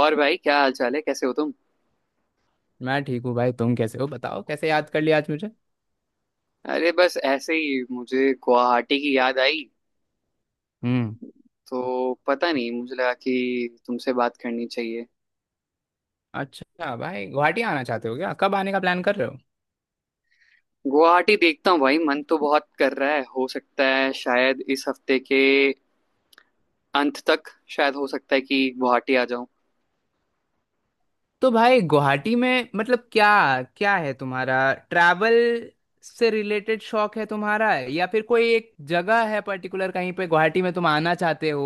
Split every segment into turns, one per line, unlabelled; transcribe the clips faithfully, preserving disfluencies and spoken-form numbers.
और भाई, क्या हाल चाल है? कैसे हो तुम?
मैं ठीक हूँ भाई। तुम कैसे हो बताओ? कैसे याद कर लिया आज मुझे?
अरे, बस ऐसे ही मुझे गुवाहाटी की याद आई।
हम्म।
तो पता नहीं, मुझे लगा कि तुमसे बात करनी चाहिए।
अच्छा भाई, गुवाहाटी आना चाहते हो क्या? कब आने का प्लान कर रहे हो?
गुवाहाटी देखता हूँ भाई, मन तो बहुत कर रहा है। हो सकता है शायद इस हफ्ते के अंत तक, शायद हो सकता है कि गुवाहाटी आ जाऊं।
तो भाई गुवाहाटी में मतलब क्या क्या है तुम्हारा? ट्रैवल से रिलेटेड शौक है तुम्हारा, या फिर कोई एक जगह है पर्टिकुलर कहीं पे गुवाहाटी में तुम आना चाहते हो,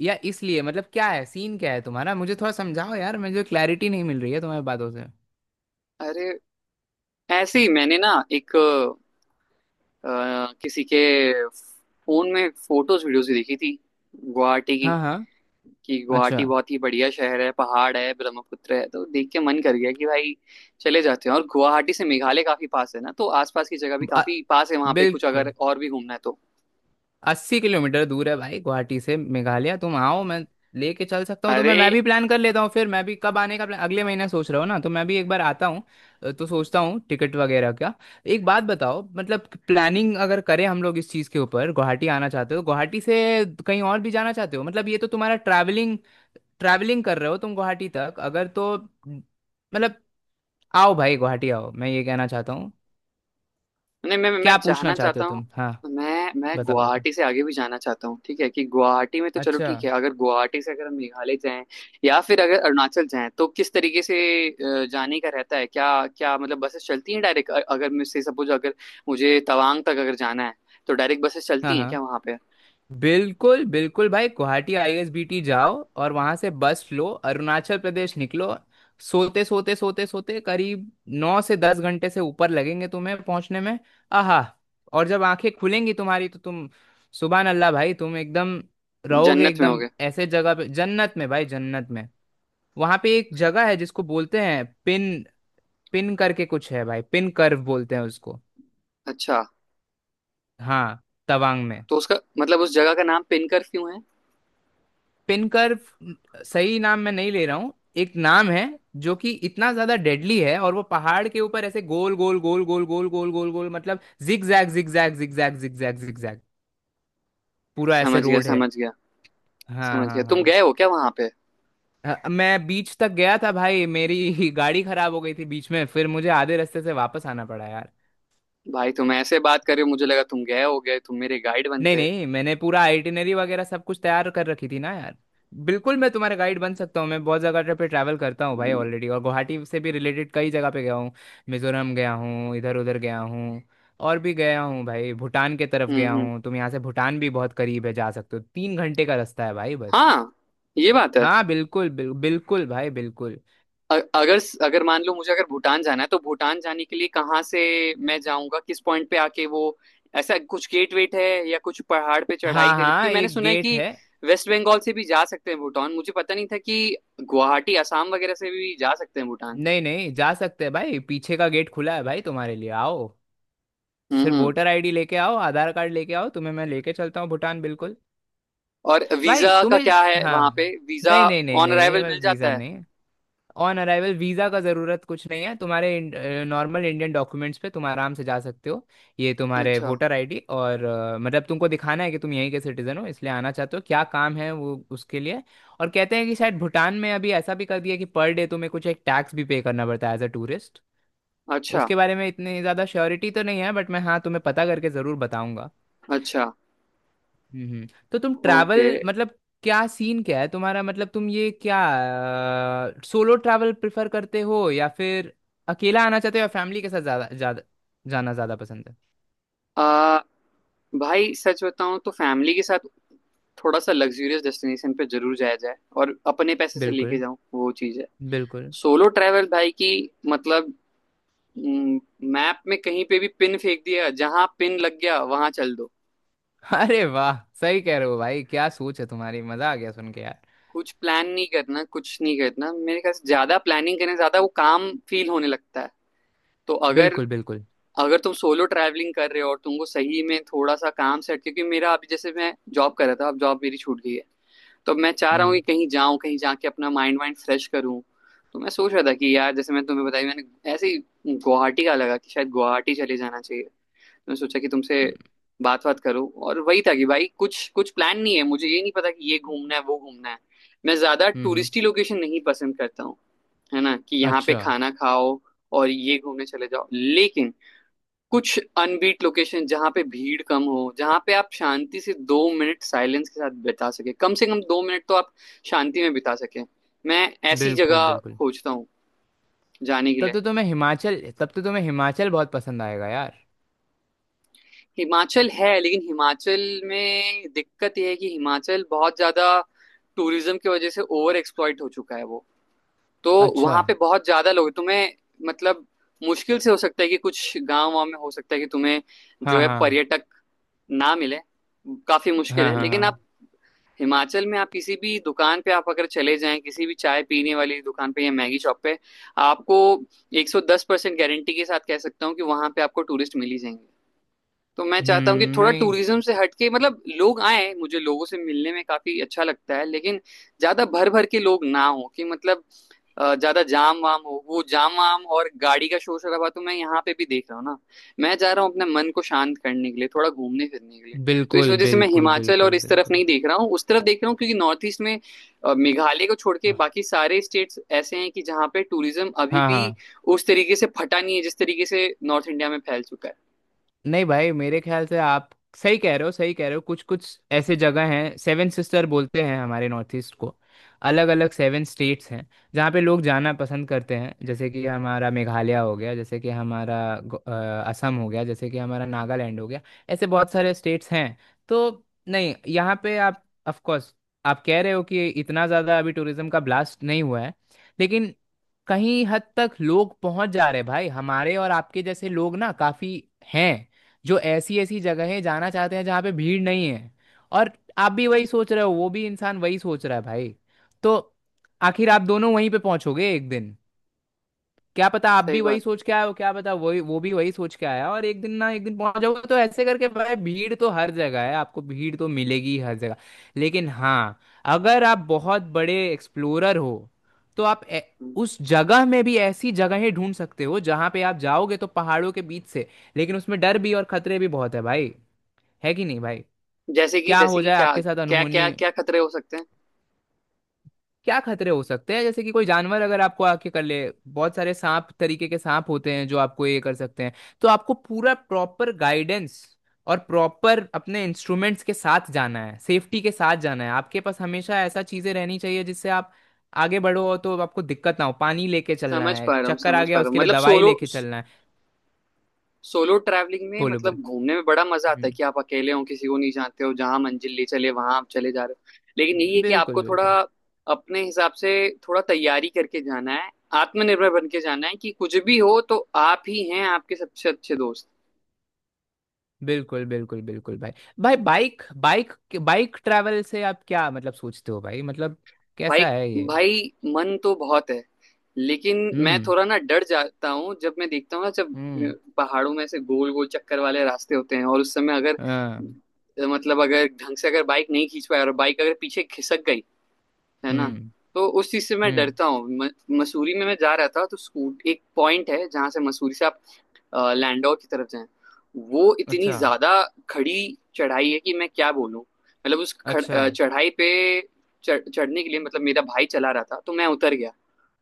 या इसलिए? मतलब क्या है सीन क्या है तुम्हारा, मुझे थोड़ा समझाओ यार, मुझे क्लैरिटी नहीं मिल रही है तुम्हारी बातों से।
अरे, ऐसे ही मैंने ना एक अ, किसी के फोन में फोटोज वीडियोज देखी थी, गुवाहाटी की,
हाँ हाँ।
कि
अच्छा।
गुवाहाटी बहुत ही बढ़िया शहर है, पहाड़ है, ब्रह्मपुत्र है। तो देख के मन कर गया कि भाई चले जाते हैं। और गुवाहाटी से मेघालय काफी पास है ना, तो आसपास की जगह भी
अ-
काफी पास है। वहां पे कुछ अगर
बिल्कुल।
और भी घूमना है तो।
अस्सी किलोमीटर दूर है भाई गुवाहाटी से मेघालय। तुम आओ, मैं लेके चल सकता हूँ तुम्हें।
अरे
मैं भी प्लान कर लेता हूँ फिर, मैं भी कब आने का प्लान, अगले महीने सोच रहा हूँ ना, तो मैं भी एक बार आता हूँ। अ, तो सोचता हूँ टिकट वगैरह का। एक बात बताओ, मतलब प्लानिंग अगर करें हम लोग इस चीज़ के ऊपर, गुवाहाटी आना चाहते हो तो गुवाहाटी से कहीं और भी जाना चाहते हो? मतलब ये तो तुम्हारा ट्रैवलिंग ट्रैवलिंग कर रहे हो तुम गुवाहाटी तक अगर, तो मतलब आओ भाई गुवाहाटी आओ, मैं ये कहना चाहता हूँ।
नहीं, मैं मैं
क्या पूछना
जाना
चाहते हो
चाहता हूँ।
तुम, हाँ
मैं मैं
बताओ बताओ।
गुवाहाटी से आगे भी जाना चाहता हूँ। ठीक है कि गुवाहाटी में तो चलो
अच्छा।
ठीक है, अगर गुवाहाटी से अगर हम मेघालय जाएं या फिर अगर अरुणाचल जाएं, तो किस तरीके से अ, जाने का रहता है? क्या, क्या मतलब बसेस चलती हैं डायरेक्ट? अगर मुझसे सपोज, अगर मुझे तवांग तक अगर जाना है, तो डायरेक्ट बसेस
हाँ
चलती हैं
हाँ,
क्या वहां पे?
बिल्कुल बिल्कुल भाई। गुवाहाटी आईएसबीटी जाओ और वहां से बस लो, अरुणाचल प्रदेश निकलो। सोते सोते सोते सोते करीब नौ से दस घंटे से ऊपर लगेंगे तुम्हें पहुंचने में। आहा। और जब आंखें खुलेंगी तुम्हारी तो तुम सुबह, अल्लाह भाई, तुम एकदम रहोगे
जन्नत में हो
एकदम
गए।
ऐसे जगह पे, जन्नत में भाई, जन्नत में। वहां पे एक जगह है जिसको बोलते हैं पिन, पिन करके कुछ है भाई, पिन कर्व बोलते हैं उसको।
अच्छा,
हाँ, तवांग में।
तो उसका मतलब उस जगह का नाम पिनकर क्यों है?
पिन कर्व, सही नाम मैं नहीं ले रहा हूँ, एक नाम है जो कि इतना ज्यादा डेडली है, और वो पहाड़ के ऊपर ऐसे गोल गोल गोल गोल गोल गोल गोल गोल, मतलब zig zag zig zag zig zag zig zag zig zag पूरा
समझ
ऐसे
गया,
रोड है।
समझ गया।
हाँ
समझ गया।
हाँ हाँ।
तुम गए हो क्या वहां पे?
अ, मैं बीच तक गया था भाई, मेरी गाड़ी खराब हो गई थी बीच में, फिर मुझे आधे रास्ते से वापस आना पड़ा।
भाई, तुम ऐसे बात कर रहे हो, मुझे लगा तुम गए हो। गए तुम मेरे गाइड
नहीं
बनते।
नहीं, मैंने पूरा आइटिनरी वगैरह सब कुछ तैयार कर रखी थी ना यार। बिल्कुल मैं तुम्हारा गाइड बन सकता हूँ, मैं बहुत जगह पे ट्रैवल करता हूँ भाई ऑलरेडी, और गुवाहाटी से भी रिलेटेड कई जगह पे गया हूँ। मिजोरम गया हूँ, इधर उधर गया हूँ, और भी गया हूँ भाई। भूटान के तरफ गया
हम्म हम्म।
हूँ, तुम यहाँ से भूटान भी बहुत करीब है, जा सकते हो, तीन घंटे का रास्ता है भाई बस।
हाँ, ये बात है।
हाँ बिल्कुल, बिल, बिल्कुल भाई बिल्कुल।
अ- अगर अगर मान लो, मुझे अगर भूटान जाना है, तो भूटान जाने के लिए कहाँ से मैं जाऊंगा? किस पॉइंट पे आके वो ऐसा कुछ गेट वेट है, या कुछ पहाड़ पे चढ़ाई
हाँ
करी? क्योंकि
हाँ,
मैंने
एक
सुना है
गेट
कि
है।
वेस्ट बंगाल से भी जा सकते हैं भूटान, मुझे पता नहीं था कि गुवाहाटी असम वगैरह से भी जा सकते हैं भूटान।
नहीं नहीं, जा सकते हैं भाई, पीछे का गेट खुला है भाई तुम्हारे लिए, आओ।
हम्म
सिर्फ
हम्म।
वोटर आईडी लेके आओ, आधार कार्ड लेके आओ, तुम्हें मैं लेके चलता हूँ भूटान, बिल्कुल।
और
भाई
वीजा का
तुम्हें,
क्या है?
हाँ,
वहां पे वीजा
नहीं नहीं नहीं
ऑन
नहीं
अराइवल
भाई,
मिल
वीज़ा
जाता है?
नहीं। ऑन अराइवल वीज़ा का ज़रूरत कुछ नहीं है तुम्हारे। नॉर्मल इंडियन डॉक्यूमेंट्स पे तुम आराम से जा सकते हो। ये तुम्हारे
अच्छा।
वोटर आईडी, और अ, मतलब तुमको दिखाना है कि तुम यहीं के सिटीज़न हो, इसलिए आना चाहते हो क्या काम है वो उसके लिए। और कहते हैं कि शायद भूटान में अभी ऐसा भी कर दिया कि पर डे तुम्हें कुछ एक टैक्स भी पे करना पड़ता है एज अ टूरिस्ट।
अच्छा।
उसके बारे में इतनी ज़्यादा श्योरिटी तो नहीं है, बट मैं हाँ तुम्हें पता करके ज़रूर बताऊंगा।
अच्छा।
हम्म। तो तुम
ओके।
ट्रैवल, मतलब क्या सीन क्या है तुम्हारा? मतलब तुम ये क्या, सोलो ट्रैवल प्रेफर करते हो या फिर अकेला आना चाहते हो, या फैमिली के साथ ज्यादा ज्यादा जाना ज्यादा पसंद है?
आ, भाई, सच बताऊं तो फैमिली के साथ थोड़ा सा लग्जूरियस डेस्टिनेशन पे जरूर जाया जाए और अपने पैसे से लेके
बिल्कुल।
जाऊं, वो चीज है।
बिल्कुल।
सोलो ट्रैवल भाई की मतलब, मैप में कहीं पे भी पिन फेंक दिया, जहां पिन लग गया वहां चल दो।
अरे वाह, सही कह रहे हो भाई, क्या सोच है तुम्हारी, मजा आ गया सुन के यार।
कुछ प्लान नहीं करना, कुछ नहीं करना। मेरे ख्याल से ज्यादा प्लानिंग करने से ज्यादा वो काम फील होने लगता है। तो अगर,
बिल्कुल बिल्कुल।
अगर तुम सोलो ट्रैवलिंग कर रहे हो और तुमको सही में थोड़ा सा काम सेट, क्योंकि मेरा अभी जैसे मैं जॉब कर रहा था, अब जॉब मेरी छूट गई है। तो मैं चाह रहा हूँ कि
हम्म
कहीं जाऊं, कहीं जाके अपना माइंड वाइंड फ्रेश करूँ। तो मैं सोच रहा था कि यार, जैसे मैं तुम्हें बताई मैंने, ऐसे ही गुवाहाटी का लगा कि शायद गुवाहाटी चले जाना चाहिए। तो मैं सोचा कि तुमसे
हम्म
बात बात करूं। और वही था कि भाई कुछ कुछ प्लान नहीं है, मुझे ये नहीं पता कि ये घूमना है, वो घूमना है। मैं ज्यादा
हम्म,
टूरिस्टी लोकेशन नहीं पसंद करता हूँ, है ना? कि यहाँ पे
अच्छा।
खाना खाओ और ये घूमने चले जाओ। लेकिन कुछ अनबीट लोकेशन, जहां पे भीड़ कम हो, जहां पे आप शांति से दो मिनट साइलेंस के साथ बिता सके, कम से कम दो मिनट तो आप शांति में बिता सके, मैं ऐसी
बिल्कुल
जगह
बिल्कुल।
खोजता हूँ जाने के
तब
लिए।
तो तुम्हें हिमाचल, तब तो तुम्हें हिमाचल बहुत पसंद आएगा यार।
हिमाचल है, लेकिन हिमाचल में दिक्कत यह है कि हिमाचल बहुत ज्यादा टूरिज्म की वजह से ओवर एक्सप्लॉइट हो चुका है वो। तो
अच्छा,
वहां पे बहुत ज्यादा लोग, तुम्हें मतलब, मुश्किल से हो सकता है कि कुछ गांव वाँव में हो सकता है कि तुम्हें जो
हाँ
है
हाँ
पर्यटक ना मिले, काफी मुश्किल
हाँ।
है।
हाँ
लेकिन
हाँ।
आप हिमाचल में, आप किसी भी दुकान पे, आप अगर चले जाएं किसी भी चाय पीने वाली दुकान पे या मैगी शॉप पे, आपको एक सौ दस परसेंट गारंटी के साथ कह सकता हूँ कि वहां पे आपको टूरिस्ट मिल ही जाएंगे। तो मैं चाहता हूँ कि
हम्म,
थोड़ा
नहीं,
टूरिज्म से हटके, मतलब लोग आए, मुझे लोगों से मिलने में काफी अच्छा लगता है, लेकिन ज्यादा भर भर के लोग ना हो, कि मतलब अ, ज्यादा जाम वाम हो, वो जाम वाम और गाड़ी का शोर शराबा तो मैं यहाँ पे भी देख रहा हूँ ना। मैं चाह रहा हूँ अपने मन को शांत करने के लिए थोड़ा घूमने फिरने के लिए। तो इस
बिल्कुल
वजह से मैं
बिल्कुल
हिमाचल और
बिल्कुल
इस तरफ
बिल्कुल।
नहीं देख रहा हूँ, उस तरफ देख रहा हूँ, क्योंकि नॉर्थ ईस्ट में अ, मेघालय को छोड़ के बाकी सारे स्टेट्स ऐसे हैं कि जहाँ पे टूरिज्म अभी
हाँ
भी
हाँ।
उस तरीके से फटा नहीं है जिस तरीके से नॉर्थ इंडिया में फैल चुका है।
नहीं भाई मेरे ख्याल से आप सही कह रहे हो, सही कह रहे हो। कुछ कुछ ऐसे जगह हैं, सेवन सिस्टर बोलते हैं हमारे नॉर्थ ईस्ट को। अलग अलग सेवन स्टेट्स हैं जहाँ पे लोग जाना पसंद करते हैं, जैसे कि हमारा मेघालय हो गया, जैसे कि हमारा गो- अ, असम हो गया, जैसे कि हमारा नागालैंड हो गया, ऐसे बहुत सारे स्टेट्स हैं। तो नहीं, यहाँ पे आप, ऑफ कोर्स, आप कह रहे हो कि इतना ज़्यादा अभी टूरिज्म का ब्लास्ट नहीं हुआ है, लेकिन कहीं हद तक लोग पहुंच जा रहे हैं भाई। हमारे और आपके जैसे लोग ना काफ़ी हैं जो ऐसी ऐसी जगहें जाना चाहते हैं जहाँ पे भीड़ नहीं है। और आप भी वही सोच रहे हो, वो भी इंसान वही सोच रहा है भाई, तो आखिर आप दोनों वहीं पे पहुंचोगे एक दिन। क्या पता आप
सही
भी वही
बात।
सोच के आए हो, क्या पता वही वो भी वही सोच के आया, और एक दिन ना एक दिन पहुंच जाओगे। तो ऐसे करके भाई, भीड़ तो हर जगह है, आपको भीड़ तो मिलेगी हर जगह। लेकिन हाँ, अगर आप बहुत बड़े एक्सप्लोरर हो तो आप, ए,
हम्म।
उस जगह में भी ऐसी जगहें ढूंढ सकते हो जहां पे आप जाओगे तो पहाड़ों के बीच से। लेकिन उसमें डर भी और खतरे भी बहुत है भाई, है कि नहीं भाई?
जैसे कि
क्या हो
जैसे कि
जाए
क्या?
आपके साथ
क्या क्या
अनहोनी।
क्या खतरे हो सकते हैं?
क्या खतरे हो सकते हैं, जैसे कि कोई जानवर अगर आपको आके कर ले, बहुत सारे सांप, तरीके के सांप होते हैं जो आपको ये कर सकते हैं। तो आपको पूरा प्रॉपर गाइडेंस और प्रॉपर अपने इंस्ट्रूमेंट्स के साथ जाना है, सेफ्टी के साथ जाना है। आपके पास हमेशा ऐसा चीजें रहनी चाहिए जिससे आप आगे बढ़ो और तो आपको दिक्कत ना हो। पानी लेके चलना
समझ
है,
पा रहा हूँ,
चक्कर आ
समझ
गया
पा रहा हूँ।
उसके लिए
मतलब,
दवाई
सोलो
लेके चलना है।
सोलो ट्रैवलिंग में,
बोलो बोलो।
मतलब घूमने में बड़ा मजा आता है
हम्म,
कि आप अकेले हो, किसी को नहीं जानते हो, जहां मंजिल ले चले वहां आप चले जा रहे हो। लेकिन यही है कि
बिल्कुल
आपको थोड़ा
बिल्कुल।
अपने हिसाब से थोड़ा तैयारी करके जाना है, आत्मनिर्भर बन के जाना है कि कुछ भी हो तो आप ही हैं आपके सबसे अच्छे दोस्त।
बिल्कुल बिल्कुल बिल्कुल भाई। भाई बाइक बाइक बाइक ट्रैवल से आप क्या मतलब सोचते हो भाई, मतलब
भाई,
कैसा है ये?
भाई, मन तो बहुत है, लेकिन मैं
हम्म
थोड़ा ना डर जाता हूँ जब मैं देखता हूँ ना, जब
हम्म।
अ, पहाड़ों में से गोल गोल चक्कर वाले रास्ते होते हैं, और उस समय अगर
हाँ,
अ, मतलब अगर ढंग से अगर बाइक नहीं खींच पाए और बाइक अगर पीछे खिसक गई, है ना,
हम्म
तो उस चीज से मैं
हम्म।
डरता हूँ। म- मसूरी में मैं जा रहा था, तो स्कूट एक पॉइंट है जहां से मसूरी से आप अ, लैंडौर की तरफ जाएं, वो इतनी
अच्छा।
ज्यादा खड़ी चढ़ाई है कि मैं क्या बोलूं। मतलब, उस खड़,
अच्छा।
अ, चढ़ाई पे चढ़- चढ़ने के लिए, मतलब मेरा भाई चला रहा था, तो मैं उतर गया।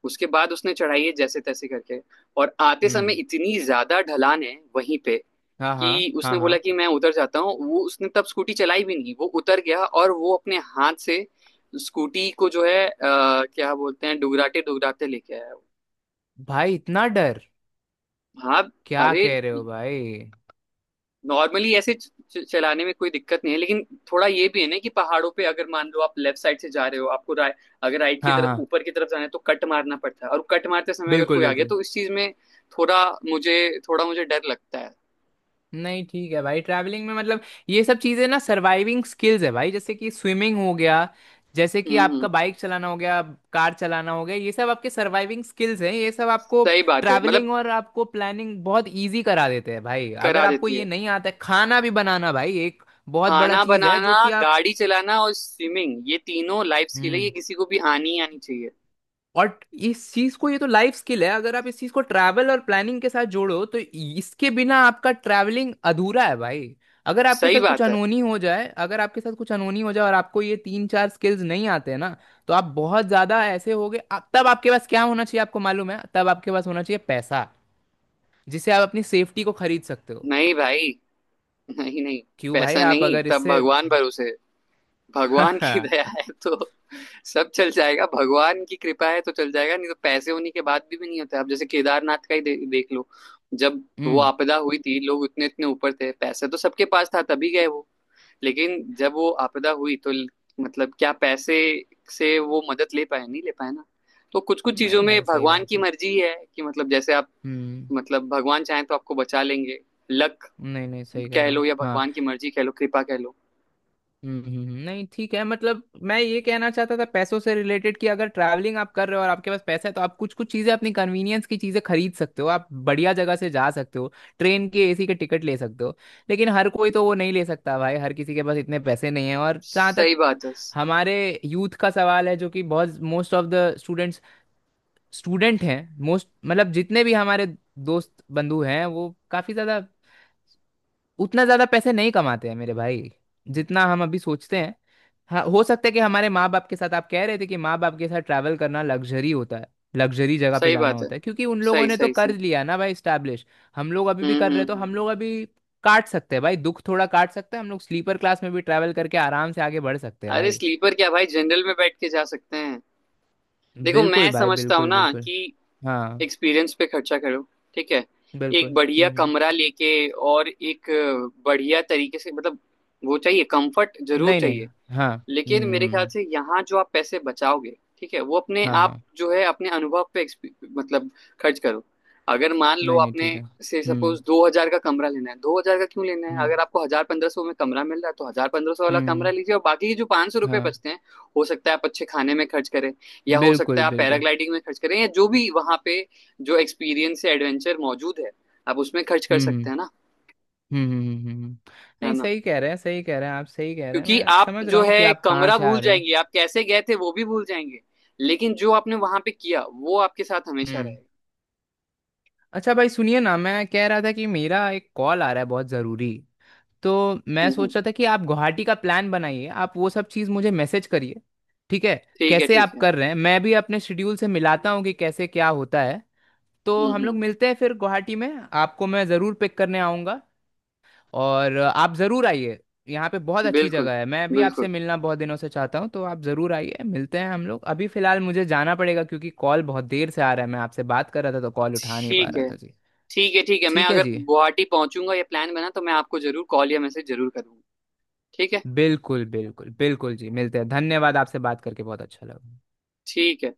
उसके बाद उसने चढ़ाई है जैसे तैसे करके। और आते समय
हम्म।
इतनी ज्यादा ढलान है वहीं पे,
हाँ हाँ।
कि
हाँ
उसने बोला
हाँ।
कि मैं उतर जाता हूँ। वो उसने तब स्कूटी चलाई भी नहीं, वो उतर गया, और वो अपने हाथ से स्कूटी को जो है अ, क्या बोलते हैं, डुगराते डुगराते लेके आया वो।
भाई इतना डर,
हाँ।
क्या
अरे,
कह रहे हो भाई।
नॉर्मली ऐसे च- च- चलाने में कोई दिक्कत नहीं है, लेकिन थोड़ा ये भी है ना कि पहाड़ों पे अगर मान लो आप लेफ्ट साइड से जा रहे हो, आपको रा, अगर राइट की
हाँ
तरफ
हाँ,
ऊपर की तरफ जाना है, तो कट मारना पड़ता है, और कट मारते समय अगर
बिल्कुल
कोई आ गया,
बिल्कुल।
तो इस चीज में थोड़ा, मुझे थोड़ा मुझे डर लगता है।
नहीं ठीक है भाई, ट्रैवलिंग में मतलब ये सब चीज़ें ना सर्वाइविंग स्किल्स है भाई, जैसे कि स्विमिंग हो गया, जैसे कि
हम्म हम्म,
आपका बाइक चलाना हो गया, कार चलाना हो गया, ये सब आपके सर्वाइविंग स्किल्स हैं। ये सब आपको
सही बात है। मतलब
ट्रैवलिंग और आपको प्लानिंग बहुत इजी करा देते हैं भाई। अगर
करा
आपको
देती
ये
है।
नहीं आता है, खाना भी बनाना भाई एक बहुत बड़ा
खाना
चीज़ है जो
बनाना,
कि आप,
गाड़ी चलाना और स्विमिंग, ये तीनों लाइफ स्किल है, ये
हम्म,
किसी को भी आनी ही आनी चाहिए।
और इस चीज को, ये तो लाइफ स्किल है। अगर आप इस चीज को ट्रैवल और प्लानिंग के साथ जोड़ो तो इसके बिना आपका ट्रैवलिंग अधूरा है भाई। अगर आपके
सही
साथ कुछ
बात है।
अनहोनी हो जाए अगर आपके साथ कुछ अनहोनी हो जाए और आपको ये तीन चार स्किल्स नहीं आते हैं ना, तो आप बहुत ज्यादा ऐसे होगे। आप, तब आपके पास क्या होना चाहिए आपको मालूम है? तब आपके पास होना चाहिए पैसा, जिससे आप अपनी सेफ्टी को खरीद सकते हो।
नहीं भाई, नहीं नहीं,
क्यों भाई,
पैसा
आप
नहीं
अगर
तब
इससे
भगवान भरोसे है। भगवान की दया
हम्म।
है तो सब चल जाएगा, भगवान की कृपा है तो चल जाएगा, नहीं तो पैसे होने के बाद भी, भी नहीं होता। आप जैसे केदारनाथ का ही दे, देख लो। जब वो आपदा हुई थी, लोग उतने इतने ऊपर थे, पैसा तो सबके पास था तभी गए वो। लेकिन जब वो आपदा हुई तो ल- मतलब क्या पैसे से वो मदद ले पाए? नहीं ले पाए ना। तो कुछ कुछ चीजों
नहीं
में
भाई सही
भगवान
बात
की
है।
मर्जी है कि, मतलब जैसे आप,
हम्म।
मतलब भगवान चाहें तो आपको बचा लेंगे। लक
नहीं नहीं, सही कह
कह
रहे हो
लो, या
हाँ।
भगवान की मर्जी कह लो, कृपा कह लो।
हम्म हम्म, हम्म, हम्म। नहीं ठीक है, मतलब मैं ये कहना चाहता था पैसों से रिलेटेड कि अगर ट्रैवलिंग आप कर रहे हो और आपके पास पैसा है, तो आप कुछ कुछ चीज़ें अपनी कन्वीनियंस की चीज़ें खरीद सकते हो, आप बढ़िया जगह से जा सकते हो, ट्रेन के एसी के टिकट ले सकते हो। लेकिन हर कोई तो वो नहीं ले सकता भाई, हर किसी के पास इतने पैसे नहीं है। और जहाँ तक
सही बात है,
हमारे यूथ का सवाल है, जो कि बहुत most of the students student हैं, मोस्ट मतलब जितने भी हमारे दोस्त बंधु हैं, वो काफ़ी ज़्यादा, उतना ज़्यादा पैसे नहीं कमाते हैं मेरे भाई, जितना हम अभी सोचते हैं। हाँ, हो सकता है कि हमारे माँ बाप के साथ, आप कह रहे थे कि माँ बाप के साथ ट्रैवल करना लग्जरी होता है, लग्जरी जगह पे
सही
जाना
बात है,
होता है, क्योंकि उन लोगों
सही
ने तो
सही
कर
से।
लिया ना भाई स्टैब्लिश। हम लोग अभी भी
हम्म
कर रहे
हम्म
हैं, तो हम
हम्म।
लोग अभी काट सकते हैं भाई, दुख थोड़ा काट सकते हैं, हम लोग स्लीपर क्लास में भी ट्रैवल करके आराम से आगे बढ़ सकते हैं
अरे
भाई।
स्लीपर क्या भाई, जनरल में बैठ के जा सकते हैं। देखो,
बिल्कुल
मैं
भाई
समझता हूँ
बिल्कुल
ना
बिल्कुल।
कि
हाँ
एक्सपीरियंस पे खर्चा करो, ठीक है?
बिल्कुल।
एक बढ़िया
हम्म हम्म।
कमरा लेके, और एक अ, बढ़िया तरीके से, मतलब वो चाहिए, कंफर्ट जरूर
नहीं नहीं,
चाहिए।
हाँ। हम्म
लेकिन मेरे
हम्म,
ख्याल
हम्म।
से यहाँ जो आप पैसे बचाओगे, ठीक है, वो अपने
हाँ
आप
हाँ।
जो है अपने अनुभव पे exp- मतलब खर्च करो। अगर मान लो
नहीं नहीं
आपने,
ठीक है।
से
हम्म
सपोज दो हज़ार का कमरा लेना है, दो हज़ार का क्यों लेना है?
हम्म
अगर आपको हजार पंद्रह सौ में कमरा मिल रहा है, तो हजार पंद्रह सौ वाला
हम्म
कमरा लीजिए, और बाकी के जो पाँच सौ रुपये
हाँ।
बचते हैं, हो सकता है आप अच्छे खाने में खर्च करें, या हो सकता
बिल्कुल
है आप
बिल्कुल।
पैराग्लाइडिंग में खर्च करें, या जो भी वहाँ पे जो एक्सपीरियंस या एडवेंचर मौजूद है, आप उसमें खर्च कर सकते
हम्म
हैं ना।
हम्म हम्म हम्म, हम्म, हम्म।
है
नहीं,
ना,
सही कह रहे हैं सही कह रहे हैं आप, सही कह रहे हैं,
क्योंकि
मैं
आप
समझ रहा
जो
हूँ कि
है
आप कहाँ
कमरा
से आ
भूल
रहे हैं।
जाएंगे, आप कैसे गए थे वो भी भूल जाएंगे, लेकिन जो आपने वहां पे किया वो आपके साथ हमेशा
हम्म।
रहेगा।
अच्छा भाई सुनिए ना, मैं कह रहा था कि मेरा एक कॉल आ रहा है बहुत ज़रूरी, तो मैं
हम्म हम्म।
सोच रहा था कि आप गुवाहाटी का प्लान बनाइए, आप वो सब चीज़ मुझे मैसेज करिए, ठीक है?
ठीक है,
कैसे
ठीक
आप
है।
कर रहे हैं, मैं भी अपने शेड्यूल से मिलाता हूँ कि कैसे क्या होता है, तो
हम्म
हम लोग
हम्म।
मिलते हैं फिर गुवाहाटी में। आपको मैं ज़रूर पिक करने आऊँगा, और आप ज़रूर आइए। यहाँ पे बहुत अच्छी
बिल्कुल,
जगह है, मैं भी आपसे
बिल्कुल।
मिलना बहुत दिनों से चाहता हूँ, तो आप ज़रूर आइए, मिलते हैं हम लोग। अभी फ़िलहाल मुझे जाना पड़ेगा क्योंकि कॉल बहुत देर से आ रहा है, मैं आपसे बात कर रहा था तो कॉल उठा नहीं पा
ठीक
रहा
है,
था जी।
ठीक है। ठीक है, मैं
ठीक है
अगर
जी,
गुवाहाटी पहुंचूंगा या प्लान बना, तो मैं आपको जरूर कॉल या मैसेज जरूर करूंगा। ठीक है,
बिल्कुल बिल्कुल बिल्कुल जी, मिलते हैं, धन्यवाद, आपसे बात करके बहुत अच्छा लगा।
ठीक है।